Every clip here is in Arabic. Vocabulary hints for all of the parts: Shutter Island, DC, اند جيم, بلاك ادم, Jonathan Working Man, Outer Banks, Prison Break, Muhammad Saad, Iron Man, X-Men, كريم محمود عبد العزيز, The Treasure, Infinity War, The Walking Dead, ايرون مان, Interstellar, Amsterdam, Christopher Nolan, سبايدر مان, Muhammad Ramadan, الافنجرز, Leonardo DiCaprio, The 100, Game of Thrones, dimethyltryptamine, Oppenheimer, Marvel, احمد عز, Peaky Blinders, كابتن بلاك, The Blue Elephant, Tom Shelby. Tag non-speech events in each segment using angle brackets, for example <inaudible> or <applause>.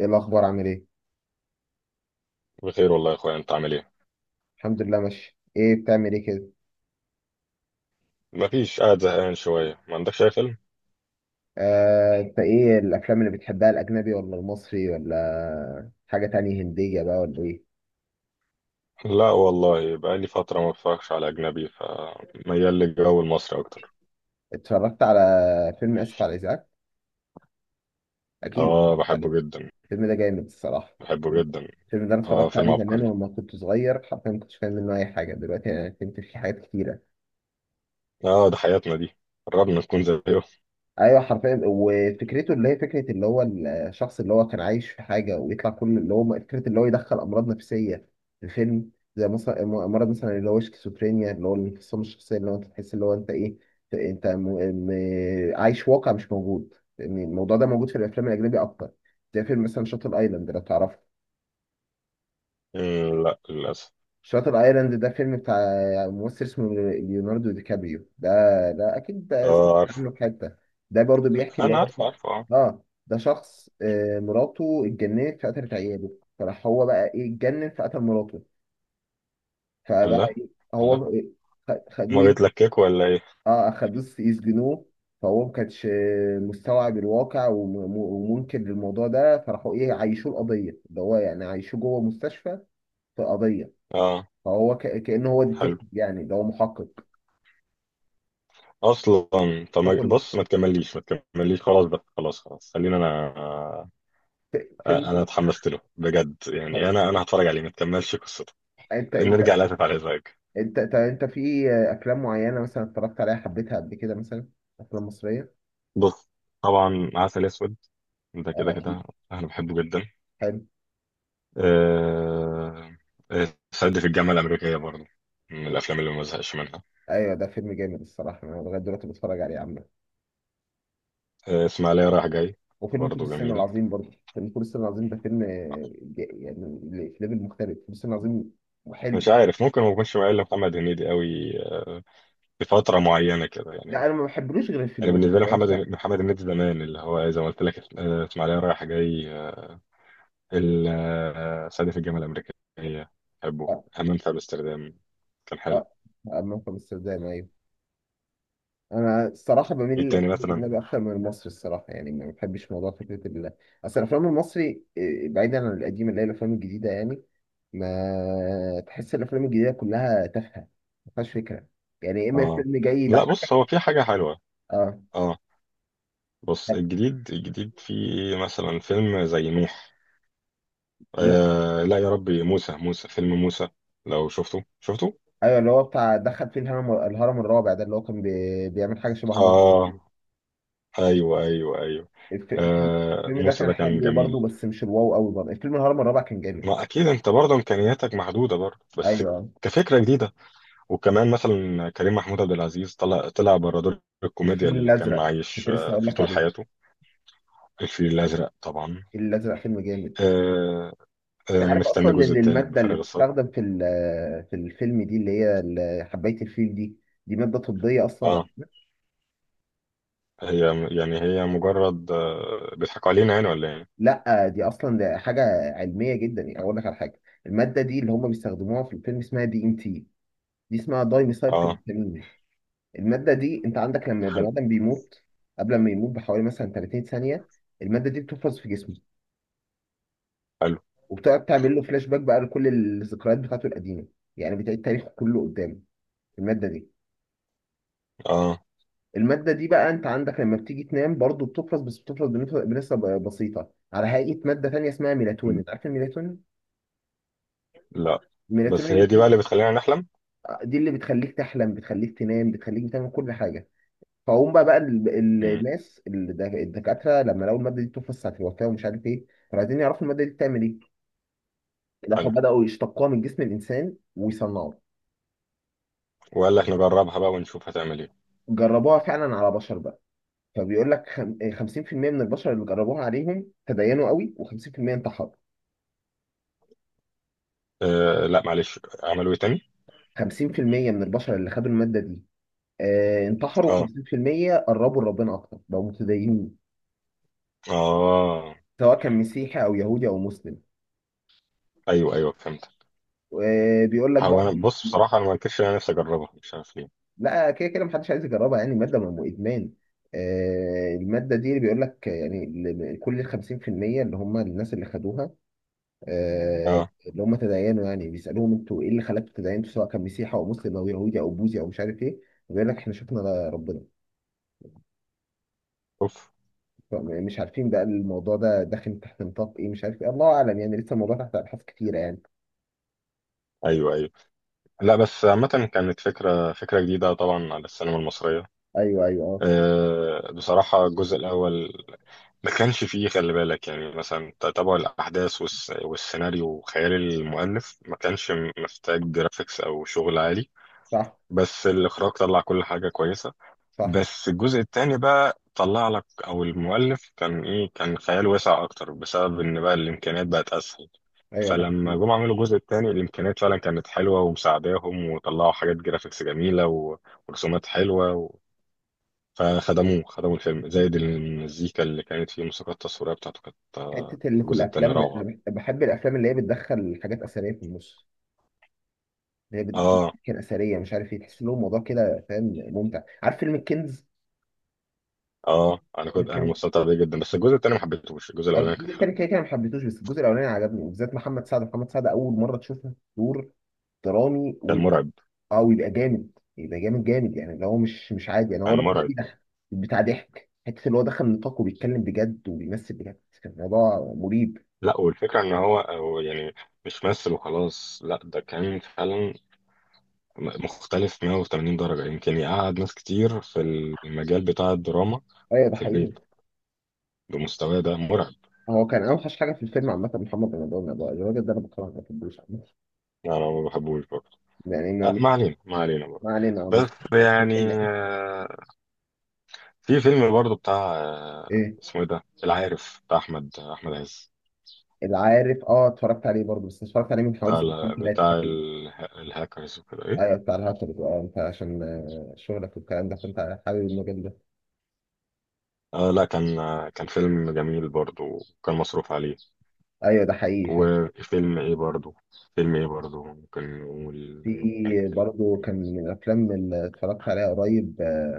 ايه الاخبار عامل ايه؟ بخير والله يا اخويا، انت عامل ايه؟ الحمد لله ماشي. ايه بتعمل ايه كده؟ مفيش، قاعد زهقان شويه. ما عندكش اي فيلم؟ انت ايه الافلام اللي بتحبها، الاجنبي ولا المصري ولا حاجه تانية هنديه بقى ولا ايه؟ لا والله، بقى لي فتره ما بتفرجش على اجنبي، فميال للجو المصري اكتر. اتفرجت على فيلم اسف على الازعاج؟ اكيد اه، اتفرجت عليه. بحبه جدا. الفيلم ده جامد الصراحه. بحبه جدا. الفيلم ده انا اه، اتفرجت فيلم عليه زمان عبقري. ولما كنت صغير حرفيا ما كنتش فاهم منه اي حاجه، دلوقتي انا فهمت فيه حاجات كتيره. اه ده حياتنا دي. قربنا نكون زيه. ايوه حرفيا، وفكرته اللي هي فكره اللي هو الشخص اللي هو كان عايش في حاجه ويطلع كل اللي هو فكره اللي هو يدخل امراض نفسيه في الفيلم، زي مثلا مرض مثلا اللي هو شيزوفرينيا اللي هو الانفصام الشخصيه اللي هو انت تحس اللي هو انت ايه. انت م... م... عايش واقع مش موجود، يعني الموضوع ده موجود في الافلام الاجنبي اكتر. زي فيلم مثلا شاتل ايلاند، لو تعرفه. مم، لا للاسف. شاتر ايلاند ده فيلم بتاع ممثل اسمه ليوناردو دي كابريو، ده ده اكيد ده سمعت اه، عارفه. عنه في حته. ده برضو بيحكي اللي انا عارفه، هو عارفه، اه. اه ده شخص، مراته اتجننت فقتلت عياله، فراح هو بقى ايه اتجنن فقتل مراته، فبقى الله. ايه الله. هو. خ- ما خدوه ي- بيتلككوا ولا ايه؟ اه خدوه يسجنوه. فهو ما كانش مستوعب الواقع ومنكر للموضوع ده، فراحوا ايه عايشوه القضيه ده هو، يعني عايشوه جوه مستشفى في قضيه. اه. فهو كأنه هو حلو. ديتكتيف يعني، ده هو محقق. اصلا. طب، فكنت بص، ما تكمليش، ما تكمليش، خلاص بقى، خلاص، خلاص، خلينا. انا فيلم. اتحمست له بجد يعني، طيب انا هتفرج عليه، ما تكملش قصته. انت نرجع انت لاسف على الازعاج. انت طب انت في افلام معينه مثلا اتفرجت عليها حبيتها قبل كده مثلا؟ افلام مصريه، بص. طبعا عسل اسود. ده كده اه كده. اكيد. انا بحبه جدا. حلو. أه... آه، سد في الجامعه الامريكيه برضه. من الافلام اللي ما بزهقش منها. ايوه ده فيلم جامد الصراحه، انا لغايه دلوقتي بتفرج عليه عامه. اسماعيليه رايح جاي. وفيلم فول برضه الصين جميل. العظيم برضه، فيلم فول الصين العظيم ده فيلم يعني في ليفل مختلف فول الصين العظيم وحلو. مش عارف، ممكن ما اكونش مايل لمحمد هنيدي قوي. آه، في فتره معينه كده يعني. لا انا ما بحبلوش غير يعني الفيلمين بالنسبه لي اللي هو محمد محمد هنيدي زمان، اللي هو زي ما قلت لك، اسماعيليه رايح جاي. صعيدي في الجامعة الأمريكية. بحبه. اه همام في أمستردام. كان اه. حلو. موقف امستردام، ايوه. انا الصراحه بميل ايه التاني للافلام مثلا؟ الاجنبي اكتر من المصري الصراحه، يعني ما بحبش موضوع فكره ال، اصل الافلام المصري بعيدا عن القديمه اللي هي الافلام الجديده يعني، ما تحس الافلام الجديده كلها تافهه، ما فيهاش فكره، يعني يا اما اه، الفيلم جاي لا، بص يضحك. هو في حاجة حلوة. اه اه. بص الجديد، في مثلا فيلم زي ميح. نوح. آه لا يا ربي، موسى، فيلم موسى. لو شفته شفته. ايوه اللي هو بتاع دخل فيه الهرم، الهرم الرابع ده، اللي هو كان بيعمل حاجه شبه مرة اه، كده. ايوه، ايوه، ايوه. الفيلم، آه، الفيلم ده موسى كان ده كان حلو برضه جميل. بس مش الواو قوي، برضه الفيلم الهرم الرابع كان جامد. ما اكيد انت برضه امكانياتك محدودة برضه، بس. ايوه كفكرة جديدة. وكمان مثلا كريم محمود عبد العزيز طلع، بره دور الكوميديا الفيل اللي كان الازرق، عايش، كنت لسه اقول فيه لك طول عليه. حياته. الفيل الأزرق طبعا. الفيل الازرق فيلم جامد. آه، انت أنا عارف مستني اصلا الجزء ان التالت الماده اللي بفارغ بتستخدم الصبر. في في الفيلم دي اللي هي حبايه الفيل دي، دي ماده طبيه اصلا. اه. هي يعني هي مجرد، بيضحكوا علينا يعني ولا ايه؟ لا دي اصلا ده حاجه علميه جدا، يعني اقول لك على حاجه. الماده دي اللي هم بيستخدموها في الفيلم اسمها دي ام تي، دي اسمها دايميثايل اه. تريبتامين. الماده دي انت عندك لما البني حلو. ادم بيموت قبل ما يموت بحوالي مثلا 30 ثانيه، الماده دي بتحفظ في جسمه حلو. وبتقعد تعمل له فلاش باك بقى لكل الذكريات بتاعته القديمه، يعني بتعيد تاريخه كله قدامه، الماده دي. اه، المادة دي بقى انت عندك لما بتيجي تنام برضو بتفرز، بس بتفرز بنسبة بسيطة على هيئة مادة تانية اسمها ميلاتونين، انت عارف الميلاتونين؟ لا بس هي الميلاتونين دي دي، بقى اللي بتخلينا نحلم. دي اللي بتخليك تحلم، بتخليك تنام، بتخليك بتعمل كل حاجة. فهم بقى مم. الناس الدكاترة لما لقوا المادة دي بتفرز ساعة الوفاة ومش عارف ايه، كانوا عايزين يعرفوا المادة دي بتعمل ايه، راحوا حلو. بدأوا يشتقوها من جسم الإنسان ويصنعوها. وقال لك نجربها بقى ونشوف هتعمل ايه. جربوها فعلا على بشر بقى، فبيقول لك 50% من البشر اللي جربوها عليهم تدينوا قوي و50% انتحروا. آه لا، معلش، عملوا ايه تاني؟ 50% من البشر اللي خدوا المادة دي انتحروا، اه. 50% قربوا لربنا أكتر بقوا متدينين، اه. سواء كان مسيحي أو يهودي أو مسلم. ايوه، ايوه، فهمت. بيقول لك هو بقى، انا بص بصراحه انا، ما انكرش إن انا نفسي اجربها، مش عارف ليه. لا كده كده محدش عايز يجربها يعني، المادة ما إدمان. المادة دي اللي بيقول لك يعني كل ال 50% اللي هم الناس اللي خدوها اه. اللي هم تدينوا، يعني بيسألوهم انتوا ايه اللي خلاكم تدينتوا سواء كان مسيحي أو مسلم أو يهودي أو بوذي أو مش عارف ايه، بيقول لك احنا شفنا ربنا. اوف. مش عارفين بقى الموضوع ده داخل تحت نطاق ايه مش عارف ايه، الله اعلم يعني، لسه الموضوع تحت ابحاث كتيره يعني. ايوه، ايوه، لا بس عامه، كانت فكره، جديده طبعا على السينما المصريه. ايوه ايوه اه. بصراحه الجزء الاول، ما كانش فيه خلي بالك يعني مثلا تتابع الاحداث، والسيناريو وخيال المؤلف، ما كانش محتاج جرافيكس او شغل عالي. صح بس الاخراج طلع كل حاجه كويسه. صح. بس الجزء الثاني بقى طلع لك، او المؤلف كان ايه، كان خيال واسع اكتر، بسبب ان بقى الامكانيات بقت اسهل. ايوه ده فلما حقيقي. جم عملوا الجزء الثاني الامكانيات فعلا كانت حلوه ومساعداهم وطلعوا حاجات جرافيكس جميله ورسومات حلوه. خدموا الفيلم زائد المزيكا اللي كانت فيه، الموسيقى التصويريه بتاعته كانت، حته في اللي في الجزء الثاني الافلام روعه. أنا بحب الافلام اللي هي بتدخل حاجات اثريه في النص، اللي هي بتجيب اه. كان اثريه مش عارف ايه، تحس لهم الموضوع كده، فاهم، ممتع. عارف فيلم الكنز؟ اه، فيلم انا الكنز، مستمتع بيه جدا، بس الجزء الثاني ما حبيتهوش، الجزء الاولاني كان الجزء حلو. التاني كده كده ما حبيتهوش، بس الجزء الاولاني عجبني، بالذات محمد سعد اول مره تشوفه دور درامي. كان مرعب. اه ويبقى جامد، يبقى جامد جامد يعني، اللي هو مش مش عادي يعني، هو كان الراجل ده مرعب. بيضحك، بتاع ضحك، حته اللي هو دخل نطاق وبيتكلم بجد وبيمثل بجد، كان الموضوع مريب. لا، والفكره ان هو، يعني مش مثل وخلاص، لا ده كان فعلا مختلف 180 درجه، يمكن يقعد ناس كتير في المجال بتاع الدراما ايوه ده في حقيقي. البيت بمستواه ده، مرعب. هو كان اوحش حاجه في الفيلم عامه محمد رمضان، الراجل ده انا بكرهه ما بحبوش عامة. يعني انا ما بحبوش برضه. يعني ما، ما علينا، ما علينا برضه. ما علينا، بس مش. يعني. <laughs> آه، في فيلم برضه بتاع، ايه اسمه ايه ده، العارف بتاع احمد، احمد عز. العارف؟ اه اتفرجت عليه برضه، بس اتفرجت عليه من حوالي بتاع سنتين ال- ثلاثه بتاع تقريبا. اله- الهاكرز وكده، ايه. ايوه بتاع الهاتف، اه انت عشان شغلك والكلام ده فانت حابب المجال ده. آه لا، كان فيلم جميل برضه وكان مصروف عليه. ايوه ده حقيقي. وفيلم ايه برضه، ممكن نقول انه كان في حلو. برضو كان من الافلام اللي اتفرجت عليها قريب آه،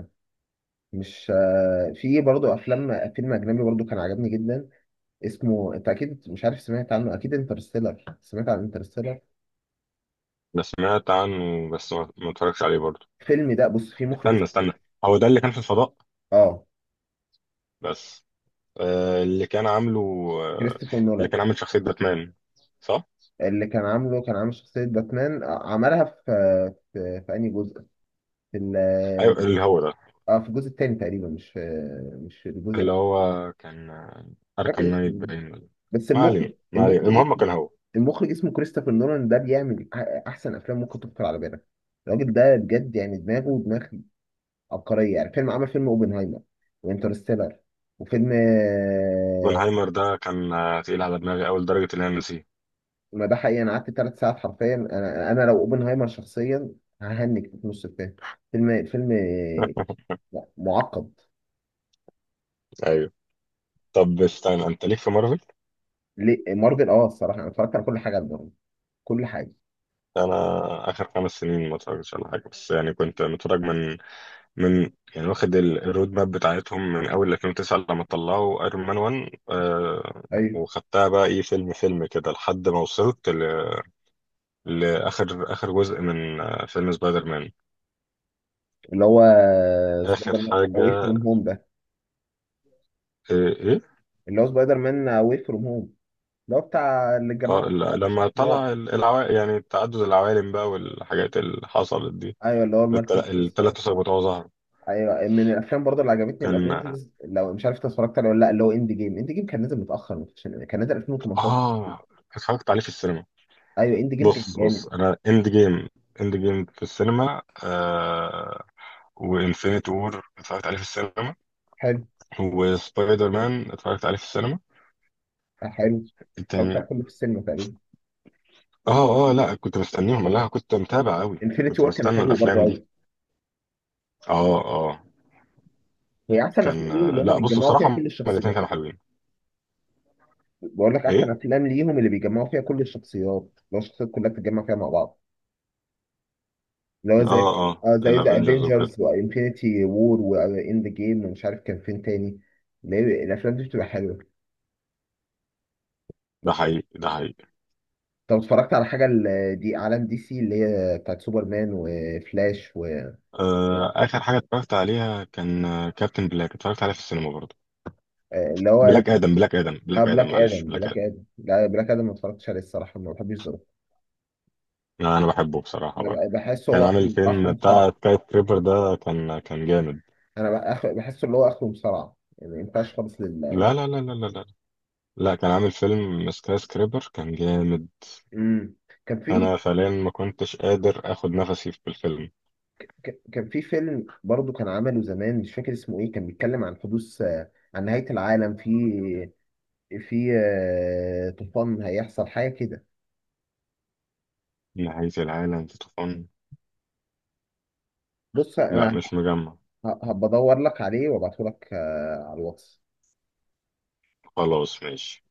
مش آه، في برضو افلام، فيلم اجنبي برضو كان عجبني جدا اسمه، انت اكيد مش عارف، سمعت عنه اكيد انترستيلر، سمعت عن انترستيلر؟ بس سمعت عنه، بس ما اتفرجش عليه برضه. الفيلم ده بص فيه مخرج استنى، اسمه استنى. هو ده اللي كان في الفضاء؟ اه بس، اللي كان عامله، آه، كريستوفر اللي نولان. كان عامل شخصية باتمان، صح؟ اللي كان عامله كان عامل شخصية باتمان، عملها في في انهي جزء، في ال أيوة اللي هو ده. اه في الجزء الثاني تقريبا، مش في مش في الجزء اللي ده، هو كان، مش أركام فاكر نايت اسمه. باين. بس ما علينا، المخرج، ما علينا، المخرج المهم اسمه، كان هو. المخرج اسمه كريستوفر نولان، ده بيعمل احسن افلام ممكن تخطر على بالك. الراجل ده بجد يعني دماغه دماغ عبقريه، يعني فيلم، عمل فيلم اوبنهايمر وانترستيلر وفيلم اوبنهايمر ده كان، تقيل على دماغي أول درجة إن أنا نسيه. ما ده حقيقي، انا قعدت 3 ساعات حرفيا، انا انا لو اوبنهايمر شخصيا ههنج في نص الفيلم. فيلم فيلم لا، معقد. أيوه. طب استنى، أنت ليك في مارفل؟ ليه مارفل؟ اه الصراحه انا اتفرجت على كل حاجه لمارفل، كل حاجه. أنا آخر 5 سنين ما اتفرجتش على حاجة، بس يعني كنت متفرج من، يعني واخد الرود ماب بتاعتهم من أول 2009 لما طلعوا أيرون مان 1، ايوه وخدتها بقى إيه، فيلم، كده لحد ما وصلت لآخر، جزء من، فيلم سبايدر مان. اللي هو آخر سبايدر مان اواي حاجة. فروم هوم ده، إيه، إيه؟ اللي هو سبايدر مان واي فروم هوم اللي هو بتاع اللي جمعوا لما الشخصيات. طلع العوالم يعني تعدد العوالم بقى والحاجات اللي حصلت دي. ايوه اللي هو المالتي فيرس. التلات أسر بتوعه ظهر. ايوه من الافلام برضه اللي عجبتني كان الافينجرز، لو مش عارف انت اتفرجت عليه ولا لا، اللي هو اند جيم، اند جيم كان نازل متاخر، كان نازل 2018. آه اتفرجت عليه في السينما. ايوه اند جيم كان بص، بص، جامد. أنا إند جيم. إند جيم في السينما. وإنفينيتي وور اتفرجت عليه في السينما. حلو. وسبايدر مان اتفرجت عليه في السينما. حلو. اتفرجت التاني. على كله في السينما تقريبا. لأ، كنت مستنيهم، لا كنت متابع أوي، انفينيتي كنت وور كان بستنى حلو برضه الأفلام دي. قوي. اه، آه. هي احسن كان افلام ليهم اللي هم لا، بص بيتجمعوا فيها بصراحة هما كل الاتنين الشخصيات. كانوا حلوين. بقول لك ايه؟ احسن افلام ليهم اللي بيجمعوا فيها كل الشخصيات، لو الشخصيات كلها بتتجمع فيها مع بعض، اللي هو زي، اه، اه، اه زي ذا الافنجرز افنجرز وكده. وانفينيتي وور واند جيم ومش عارف كان فين تاني، اللي هي الافلام دي بتبقى حلوه. ده حقيقي، ده حقيقي. طب اتفرجت على حاجه دي عالم دي سي اللي هي بتاعت سوبرمان وفلاش و اخر حاجة اتفرجت عليها كان، كابتن بلاك، اتفرجت عليها في السينما برضه. آه، اللي هو بلاك ادم، اه بلاك معلش، ادم، بلاك ادم. لا بلاك ادم ما اتفرجتش عليه الصراحه، ما بحبش ذوقه. انا بحبه بصراحة برضه. انا بحسه كان هو عامل اخره آخره فيلم بتاع مصارعه. سكاي سكريبر ده كان جامد. انا بحسه اللي هو اخره مصارعه، يعني ما ينفعش خالص لل، لا لا لا لا لا لا لا. كان عامل فيلم سكاي سكريبر كان جامد. مم. كان في انا فعليا ما كنتش قادر اخد نفسي في الفيلم. كان في فيلم برضه كان عمله زمان مش فاكر اسمه ايه، كان بيتكلم عن حدوث عن نهاية العالم في، في طوفان هيحصل حاجة كده. نهاية العالم في طوفان. بص لا، انا مش مجمع. هبقى ادور لك عليه وابعته لك على الواتس. خلاص، ماشي.